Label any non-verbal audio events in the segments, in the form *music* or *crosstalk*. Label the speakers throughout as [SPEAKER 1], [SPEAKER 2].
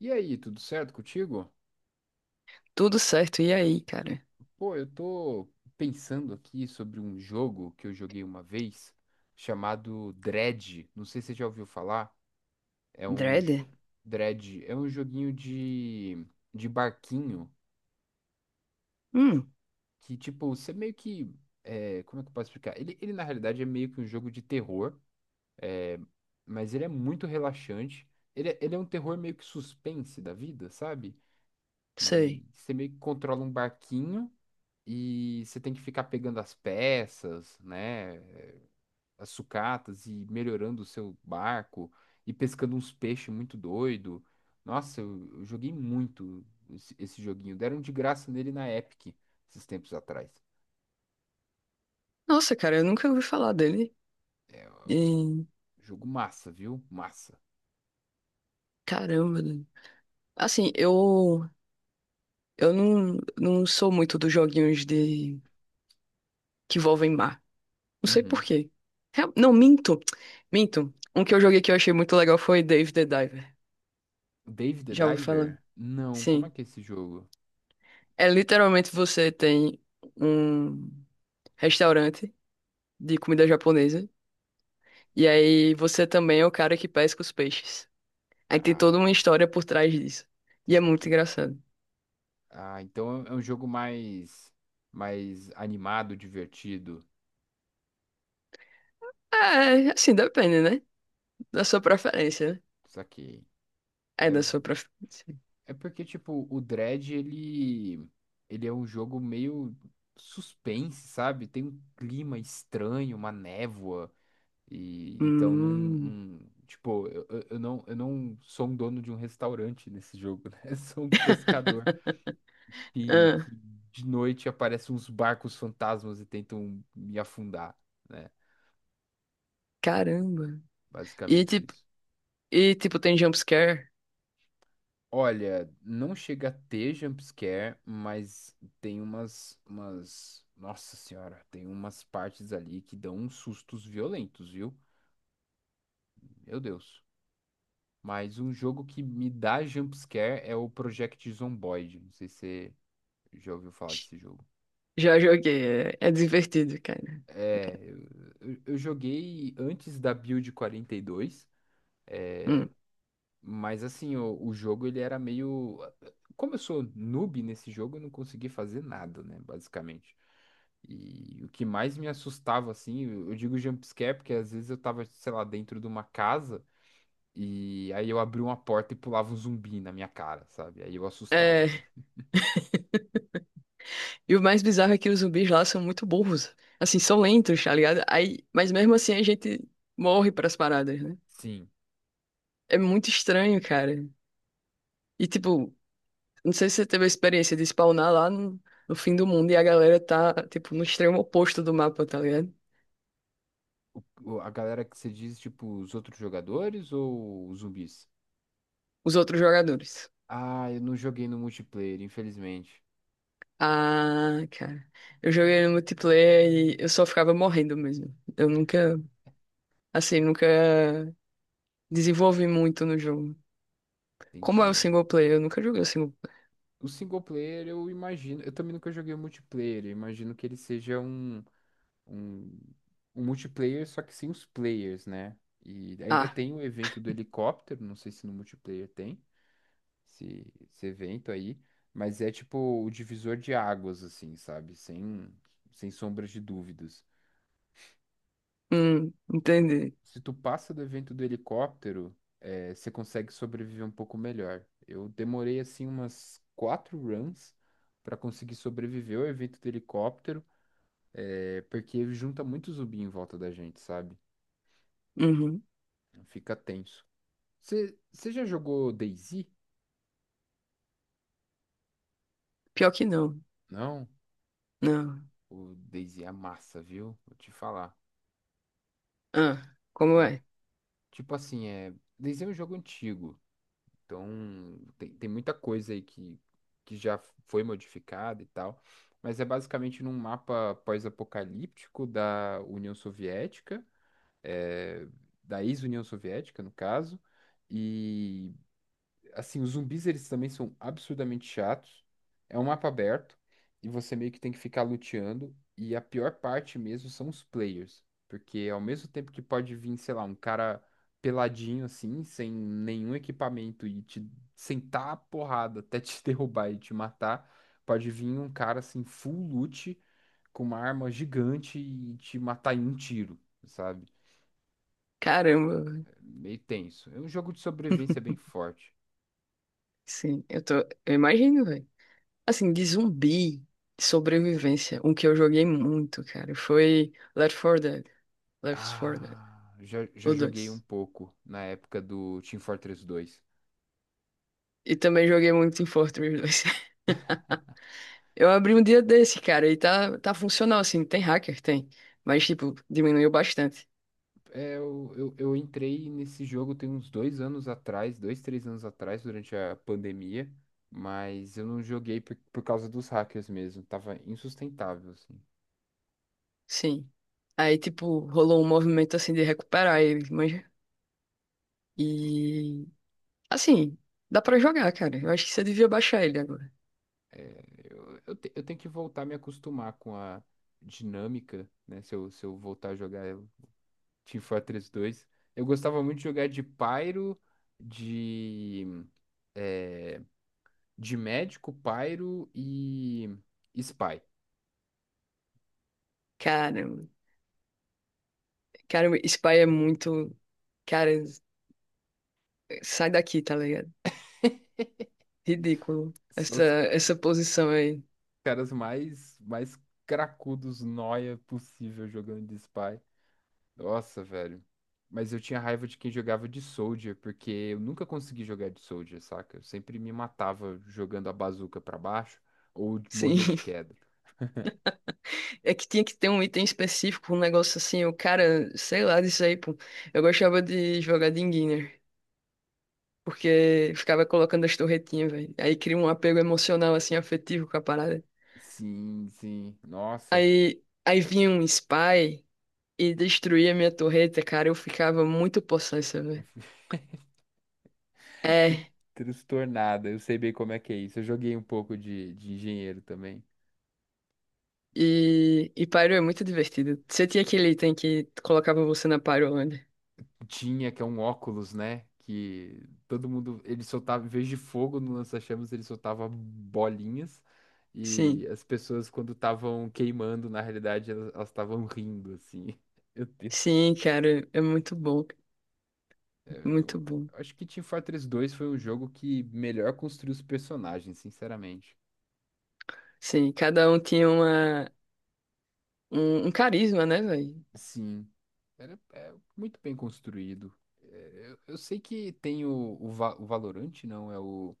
[SPEAKER 1] E aí, tudo certo contigo?
[SPEAKER 2] Tudo certo. E aí, cara?
[SPEAKER 1] Pô, eu tô pensando aqui sobre um jogo que eu joguei uma vez chamado Dread. Não sei se você já ouviu falar. É um
[SPEAKER 2] Dredd?
[SPEAKER 1] j- Dread, é um joguinho de barquinho
[SPEAKER 2] Hum,
[SPEAKER 1] que, tipo, você meio que. Como é que eu posso explicar? Ele, na realidade, é meio que um jogo de terror, é, mas ele é muito relaxante. Ele é um terror meio que suspense da vida, sabe?
[SPEAKER 2] sei.
[SPEAKER 1] E você meio que controla um barquinho. E você tem que ficar pegando as peças, né, as sucatas e melhorando o seu barco e pescando uns peixes muito doido. Nossa, eu joguei muito esse joguinho. Deram de graça nele na Epic esses tempos atrás.
[SPEAKER 2] Nossa, cara, eu nunca ouvi falar dele.
[SPEAKER 1] É,
[SPEAKER 2] E,
[SPEAKER 1] jogo massa, viu? Massa.
[SPEAKER 2] caramba. Né? Assim, eu eu não sou muito dos joguinhos de que envolvem mar. Não sei por
[SPEAKER 1] Uhum.
[SPEAKER 2] quê. Não, minto. Minto. Um que eu joguei que eu achei muito legal foi Dave the Diver.
[SPEAKER 1] Dave the
[SPEAKER 2] Já ouvi falar?
[SPEAKER 1] Diver? Não, como é
[SPEAKER 2] Sim.
[SPEAKER 1] que é esse jogo?
[SPEAKER 2] É literalmente você tem um restaurante de comida japonesa. E aí você também é o cara que pesca os peixes. Aí tem toda
[SPEAKER 1] Ah,
[SPEAKER 2] uma história por trás disso. E é muito
[SPEAKER 1] saquei.
[SPEAKER 2] engraçado.
[SPEAKER 1] Ah, então é um jogo mais animado, divertido.
[SPEAKER 2] É, assim, depende, né? Da sua preferência, né?
[SPEAKER 1] Saquei.
[SPEAKER 2] É
[SPEAKER 1] É,
[SPEAKER 2] da sua preferência.
[SPEAKER 1] é porque, tipo, o Dread, ele é um jogo meio suspense, sabe? Tem um clima estranho, uma névoa. E então
[SPEAKER 2] Hum.
[SPEAKER 1] tipo, eu não sou um dono de um restaurante nesse jogo, né? *laughs* Eu sou um pescador
[SPEAKER 2] *laughs*
[SPEAKER 1] que
[SPEAKER 2] Ah,
[SPEAKER 1] de noite aparecem uns barcos fantasmas e tentam me afundar, né?
[SPEAKER 2] caramba. E
[SPEAKER 1] Basicamente
[SPEAKER 2] tipo,
[SPEAKER 1] isso.
[SPEAKER 2] e tipo, tem jumpscare?
[SPEAKER 1] Olha, não chega a ter jumpscare, mas tem umas, umas. Nossa senhora, tem umas partes ali que dão uns sustos violentos, viu? Meu Deus. Mas um jogo que me dá jumpscare é o Project Zomboid. Não sei se você já ouviu falar desse jogo.
[SPEAKER 2] Já joguei. É, é divertido, cara.
[SPEAKER 1] É, eu joguei antes da Build 42.
[SPEAKER 2] Hum.
[SPEAKER 1] Mas assim, o jogo ele era meio. Como eu sou noob nesse jogo, eu não consegui fazer nada, né? Basicamente. E o que mais me assustava, assim, eu digo jump scare, porque às vezes eu tava, sei lá, dentro de uma casa e aí eu abri uma porta e pulava um zumbi na minha cara, sabe? Aí eu assustava.
[SPEAKER 2] É, e o mais bizarro é que os zumbis lá são muito burros. Assim, são lentos, tá ligado? Aí, mas mesmo assim a gente morre pras paradas, né?
[SPEAKER 1] Sim.
[SPEAKER 2] É muito estranho, cara. E tipo, não sei se você teve a experiência de spawnar lá no fim do mundo e a galera tá, tipo, no extremo oposto do mapa, tá ligado?
[SPEAKER 1] O- a galera que você diz, tipo, os outros jogadores ou os zumbis?
[SPEAKER 2] Os outros jogadores.
[SPEAKER 1] Ah, eu não joguei no multiplayer, infelizmente.
[SPEAKER 2] Ah, cara. Eu joguei no multiplayer e eu só ficava morrendo mesmo. Eu nunca, assim, nunca desenvolvi muito no jogo. Como é o
[SPEAKER 1] Entendi.
[SPEAKER 2] single player? Eu nunca joguei o single player.
[SPEAKER 1] O single player, eu imagino. Eu também nunca joguei o multiplayer. Eu imagino que ele seja um, um multiplayer, só que sem os players, né? E ainda
[SPEAKER 2] Ah,
[SPEAKER 1] tem o evento do helicóptero. Não sei se no multiplayer tem esse, esse evento aí. Mas é tipo o divisor de águas, assim, sabe? Sem sombras de dúvidas.
[SPEAKER 2] entendi.
[SPEAKER 1] Se tu passa do evento do helicóptero, você consegue sobreviver um pouco melhor. Eu demorei assim umas 4 runs para conseguir sobreviver ao evento do helicóptero, porque junta muito zumbi em volta da gente, sabe?
[SPEAKER 2] Uhum.
[SPEAKER 1] Fica tenso. Você já jogou DayZ?
[SPEAKER 2] Pior que não.
[SPEAKER 1] Não?
[SPEAKER 2] Não.
[SPEAKER 1] O DayZ é massa, viu? Vou te falar.
[SPEAKER 2] Ah, como é?
[SPEAKER 1] Tipo assim, DayZ é um jogo antigo. Então, tem muita coisa aí que já foi modificada e tal, mas é basicamente num mapa pós-apocalíptico da União Soviética, eh, da ex-União Soviética, no caso, e assim, os zumbis eles também são absurdamente chatos. É um mapa aberto e você meio que tem que ficar luteando. E a pior parte mesmo são os players, porque ao mesmo tempo que pode vir, sei lá, um cara peladinho assim, sem nenhum equipamento e te sentar a porrada até te *laughs* derrubar e te matar, pode vir um cara assim full loot com uma arma gigante e te matar em um tiro, sabe?
[SPEAKER 2] Caramba.
[SPEAKER 1] É meio tenso. É um jogo de sobrevivência bem forte.
[SPEAKER 2] Sim, eu tô. Eu imagino, velho. Assim, de zumbi, de sobrevivência, um que eu joguei muito, cara, foi Left 4 Dead. Left 4 Dead,
[SPEAKER 1] Ah, já
[SPEAKER 2] o
[SPEAKER 1] joguei um
[SPEAKER 2] dois.
[SPEAKER 1] pouco na época do Team Fortress 2.
[SPEAKER 2] E também joguei muito em Fortress dois. *laughs* Eu abri um dia desse, cara, e tá funcional, assim. Tem hacker, tem. Mas, tipo, diminuiu bastante.
[SPEAKER 1] É, eu entrei nesse jogo tem uns dois anos atrás, dois, três anos atrás, durante a pandemia, mas eu não joguei por causa dos hackers mesmo. Tava insustentável, assim.
[SPEAKER 2] Sim. Aí, tipo, rolou um movimento, assim, de recuperar ele, mas... E... Assim, dá pra jogar, cara. Eu acho que você devia baixar ele agora.
[SPEAKER 1] É, eu tenho que voltar a me acostumar com a dinâmica, né? Se eu voltar a jogar o Team Fortress 2. Eu gostava muito de jogar de Pyro, de. é, de médico, pairo e spy.
[SPEAKER 2] Cara, cara, Spy é muito... Cara, sai daqui, tá ligado? Ridículo.
[SPEAKER 1] São
[SPEAKER 2] Essa,
[SPEAKER 1] os
[SPEAKER 2] essa posição aí.
[SPEAKER 1] caras mais cracudos, noia possível jogando de spy. Nossa, velho. Mas eu tinha raiva de quem jogava de soldier, porque eu nunca consegui jogar de soldier, saca? Eu sempre me matava jogando a bazuca pra baixo ou
[SPEAKER 2] Sim.
[SPEAKER 1] morria
[SPEAKER 2] *laughs*
[SPEAKER 1] de queda.
[SPEAKER 2] É que tinha que ter um item específico, um negócio assim. O cara, sei lá disso aí, pô. Eu gostava de jogar de Enginner. Porque ficava colocando as torretinhas, velho. Aí cria um apego emocional, assim, afetivo com a parada.
[SPEAKER 1] Sim, sim. Nossa.
[SPEAKER 2] Aí vinha um spy e destruía minha torreta, cara. Eu ficava muito possessa, velho.
[SPEAKER 1] *laughs* Eu fui tr-
[SPEAKER 2] É.
[SPEAKER 1] Transtornada. Eu sei bem como é que é isso. Eu joguei um pouco de engenheiro também.
[SPEAKER 2] E Pyro é muito divertido. Você tinha aquele item que colocava você na Pyrolândia?
[SPEAKER 1] Tinha, que é um óculos, né? Que todo mundo, ele soltava, em vez de fogo no lança-chamas, ele soltava bolinhas. E
[SPEAKER 2] Sim.
[SPEAKER 1] as pessoas, quando estavam queimando, na realidade, elas estavam rindo, assim. *laughs* Meu Deus.
[SPEAKER 2] Sim, cara, é muito bom.
[SPEAKER 1] É,
[SPEAKER 2] Muito
[SPEAKER 1] eu
[SPEAKER 2] bom.
[SPEAKER 1] acho que Team Fortress 2 foi um jogo que melhor construiu os personagens, sinceramente.
[SPEAKER 2] Sim, cada um tinha uma, um carisma, né, velho?
[SPEAKER 1] Sim, era, é muito bem construído. É, Eu sei que tem o Valorant, não, é o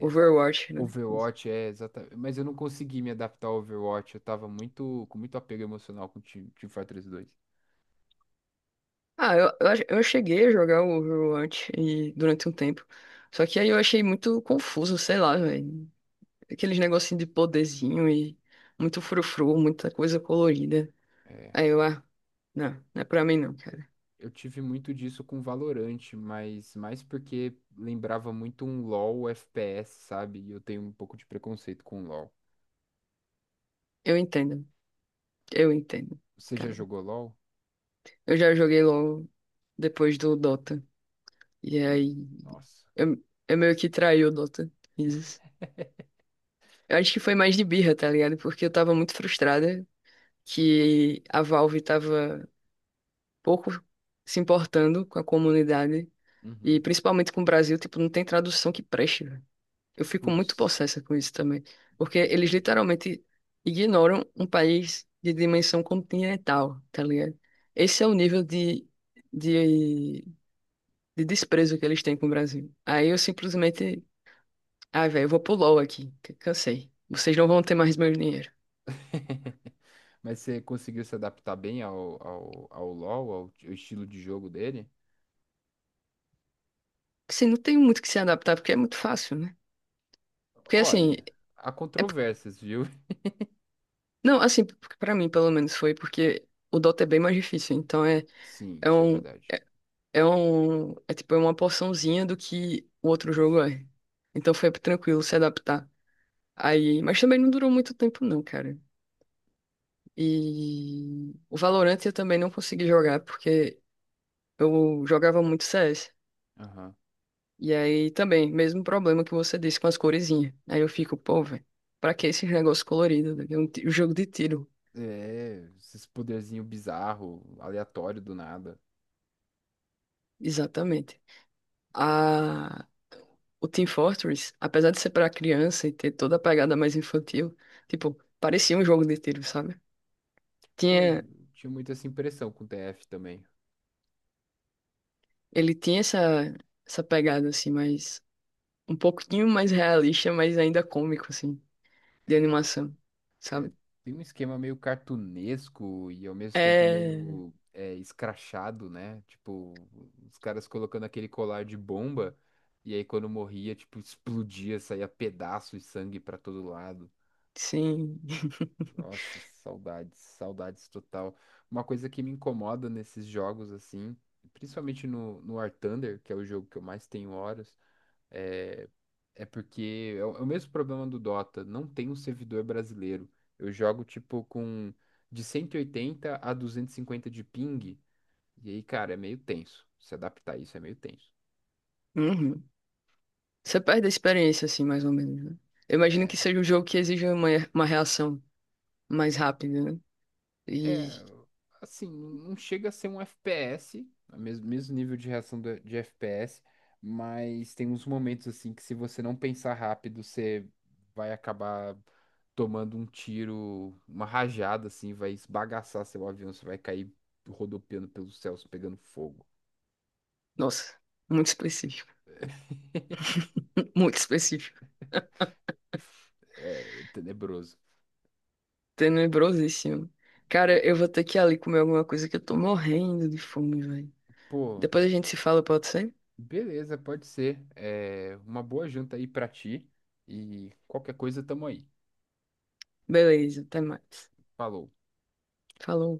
[SPEAKER 2] Overwatch, né?
[SPEAKER 1] Overwatch. É exatamente. Mas eu não consegui me adaptar ao Overwatch. Eu tava muito, com muito apego emocional com o Team Fortress dois.
[SPEAKER 2] Ah, eu cheguei a jogar o Overwatch e, durante um tempo. Só que aí eu achei muito confuso, sei lá, velho. Aqueles negocinho de poderzinho e muito frufru, muita coisa colorida.
[SPEAKER 1] É.
[SPEAKER 2] Aí eu, ah, não é pra mim não, cara.
[SPEAKER 1] Eu tive muito disso com Valorant, mas mais porque lembrava muito um LoL FPS, sabe? E eu tenho um pouco de preconceito com LoL.
[SPEAKER 2] Eu entendo, eu entendo,
[SPEAKER 1] Você já
[SPEAKER 2] cara.
[SPEAKER 1] jogou LoL?
[SPEAKER 2] Eu já joguei logo depois do Dota. E
[SPEAKER 1] Hum,
[SPEAKER 2] aí
[SPEAKER 1] Nossa.
[SPEAKER 2] eu, eu meio que traí o Dota. Eu acho que foi mais de birra, tá ligado? Porque eu tava muito frustrada que a Valve tava pouco se importando com a comunidade e
[SPEAKER 1] Uhum.
[SPEAKER 2] principalmente com o Brasil, tipo, não tem tradução que preste, velho. Eu fico muito
[SPEAKER 1] Putz,
[SPEAKER 2] possessa com isso também, porque eles
[SPEAKER 1] verdade.
[SPEAKER 2] literalmente ignoram um país de dimensão continental, tá ligado? Esse é o nível de, de desprezo que eles têm com o Brasil. Aí eu simplesmente, ah, velho, eu vou pro LoL aqui, cansei. Vocês não vão ter mais meu dinheiro.
[SPEAKER 1] *laughs* Mas você conseguiu se adaptar bem ao LoL, ao estilo de jogo dele?
[SPEAKER 2] Assim, não tem muito que se adaptar, porque é muito fácil, né? Porque assim,
[SPEAKER 1] Olha, há
[SPEAKER 2] é...
[SPEAKER 1] controvérsias, viu?
[SPEAKER 2] não, assim, pra mim pelo menos foi, porque o Dota é bem mais difícil, então é,
[SPEAKER 1] Sim,
[SPEAKER 2] é
[SPEAKER 1] isso é
[SPEAKER 2] um,
[SPEAKER 1] verdade.
[SPEAKER 2] é tipo é uma porçãozinha do que o outro jogo é. Então foi tranquilo se adaptar. Aí, mas também não durou muito tempo não, cara. E o Valorant eu também não consegui jogar, porque eu jogava muito CS.
[SPEAKER 1] Aham.
[SPEAKER 2] E aí também, mesmo problema que você disse com as coresinhas. Aí eu fico, pô, velho. Pra que esse negócio colorido? Né? É um um jogo de tiro.
[SPEAKER 1] É, esses poderzinho bizarro, aleatório do nada.
[SPEAKER 2] Exatamente. A, o Team Fortress, apesar de ser para criança e ter toda a pegada mais infantil, tipo, parecia um jogo de tiro, sabe?
[SPEAKER 1] Pô, eu
[SPEAKER 2] Tinha,
[SPEAKER 1] tinha muito essa impressão com o TF também.
[SPEAKER 2] ele tinha essa, essa pegada, assim, mais, um pouquinho mais realista, mas ainda cômico, assim, de
[SPEAKER 1] É,
[SPEAKER 2] animação,
[SPEAKER 1] é,
[SPEAKER 2] sabe?
[SPEAKER 1] tem um esquema meio cartunesco e ao mesmo tempo
[SPEAKER 2] É,
[SPEAKER 1] meio escrachado, né? Tipo, os caras colocando aquele colar de bomba e aí quando morria, tipo, explodia, saía pedaço e sangue pra todo lado.
[SPEAKER 2] sim. *laughs*
[SPEAKER 1] Nossa, saudades, saudades total. Uma coisa que me incomoda nesses jogos, assim, principalmente no War Thunder, que é o jogo que eu mais tenho horas, é, é porque é o mesmo problema do Dota, não tem um servidor brasileiro. Eu jogo, tipo, com de 180 a 250 de ping, e aí, cara, é meio tenso. Se adaptar a isso é meio tenso.
[SPEAKER 2] Uhum. Você perde a experiência, assim, mais ou menos, né? Eu imagino
[SPEAKER 1] É,
[SPEAKER 2] que seja um jogo que exija uma reação mais rápida, né?
[SPEAKER 1] É,
[SPEAKER 2] E,
[SPEAKER 1] assim, não chega a ser um FPS, mesmo nível de reação de FPS, mas tem uns momentos assim que se você não pensar rápido, você vai acabar tomando um tiro, uma rajada assim, vai esbagaçar seu avião, você vai cair rodopiando pelos céus, pegando fogo.
[SPEAKER 2] nossa, muito específico. *laughs* Muito específico.
[SPEAKER 1] É tenebroso.
[SPEAKER 2] Tenebrosíssimo. Cara,
[SPEAKER 1] Eu-
[SPEAKER 2] eu vou ter que ir ali comer alguma coisa que eu tô morrendo de fome, velho.
[SPEAKER 1] Pô,
[SPEAKER 2] Depois a gente se fala, pode ser?
[SPEAKER 1] beleza, pode ser. É, uma boa janta aí pra ti e qualquer coisa tamo aí.
[SPEAKER 2] Beleza, até mais.
[SPEAKER 1] Falou.
[SPEAKER 2] Falou.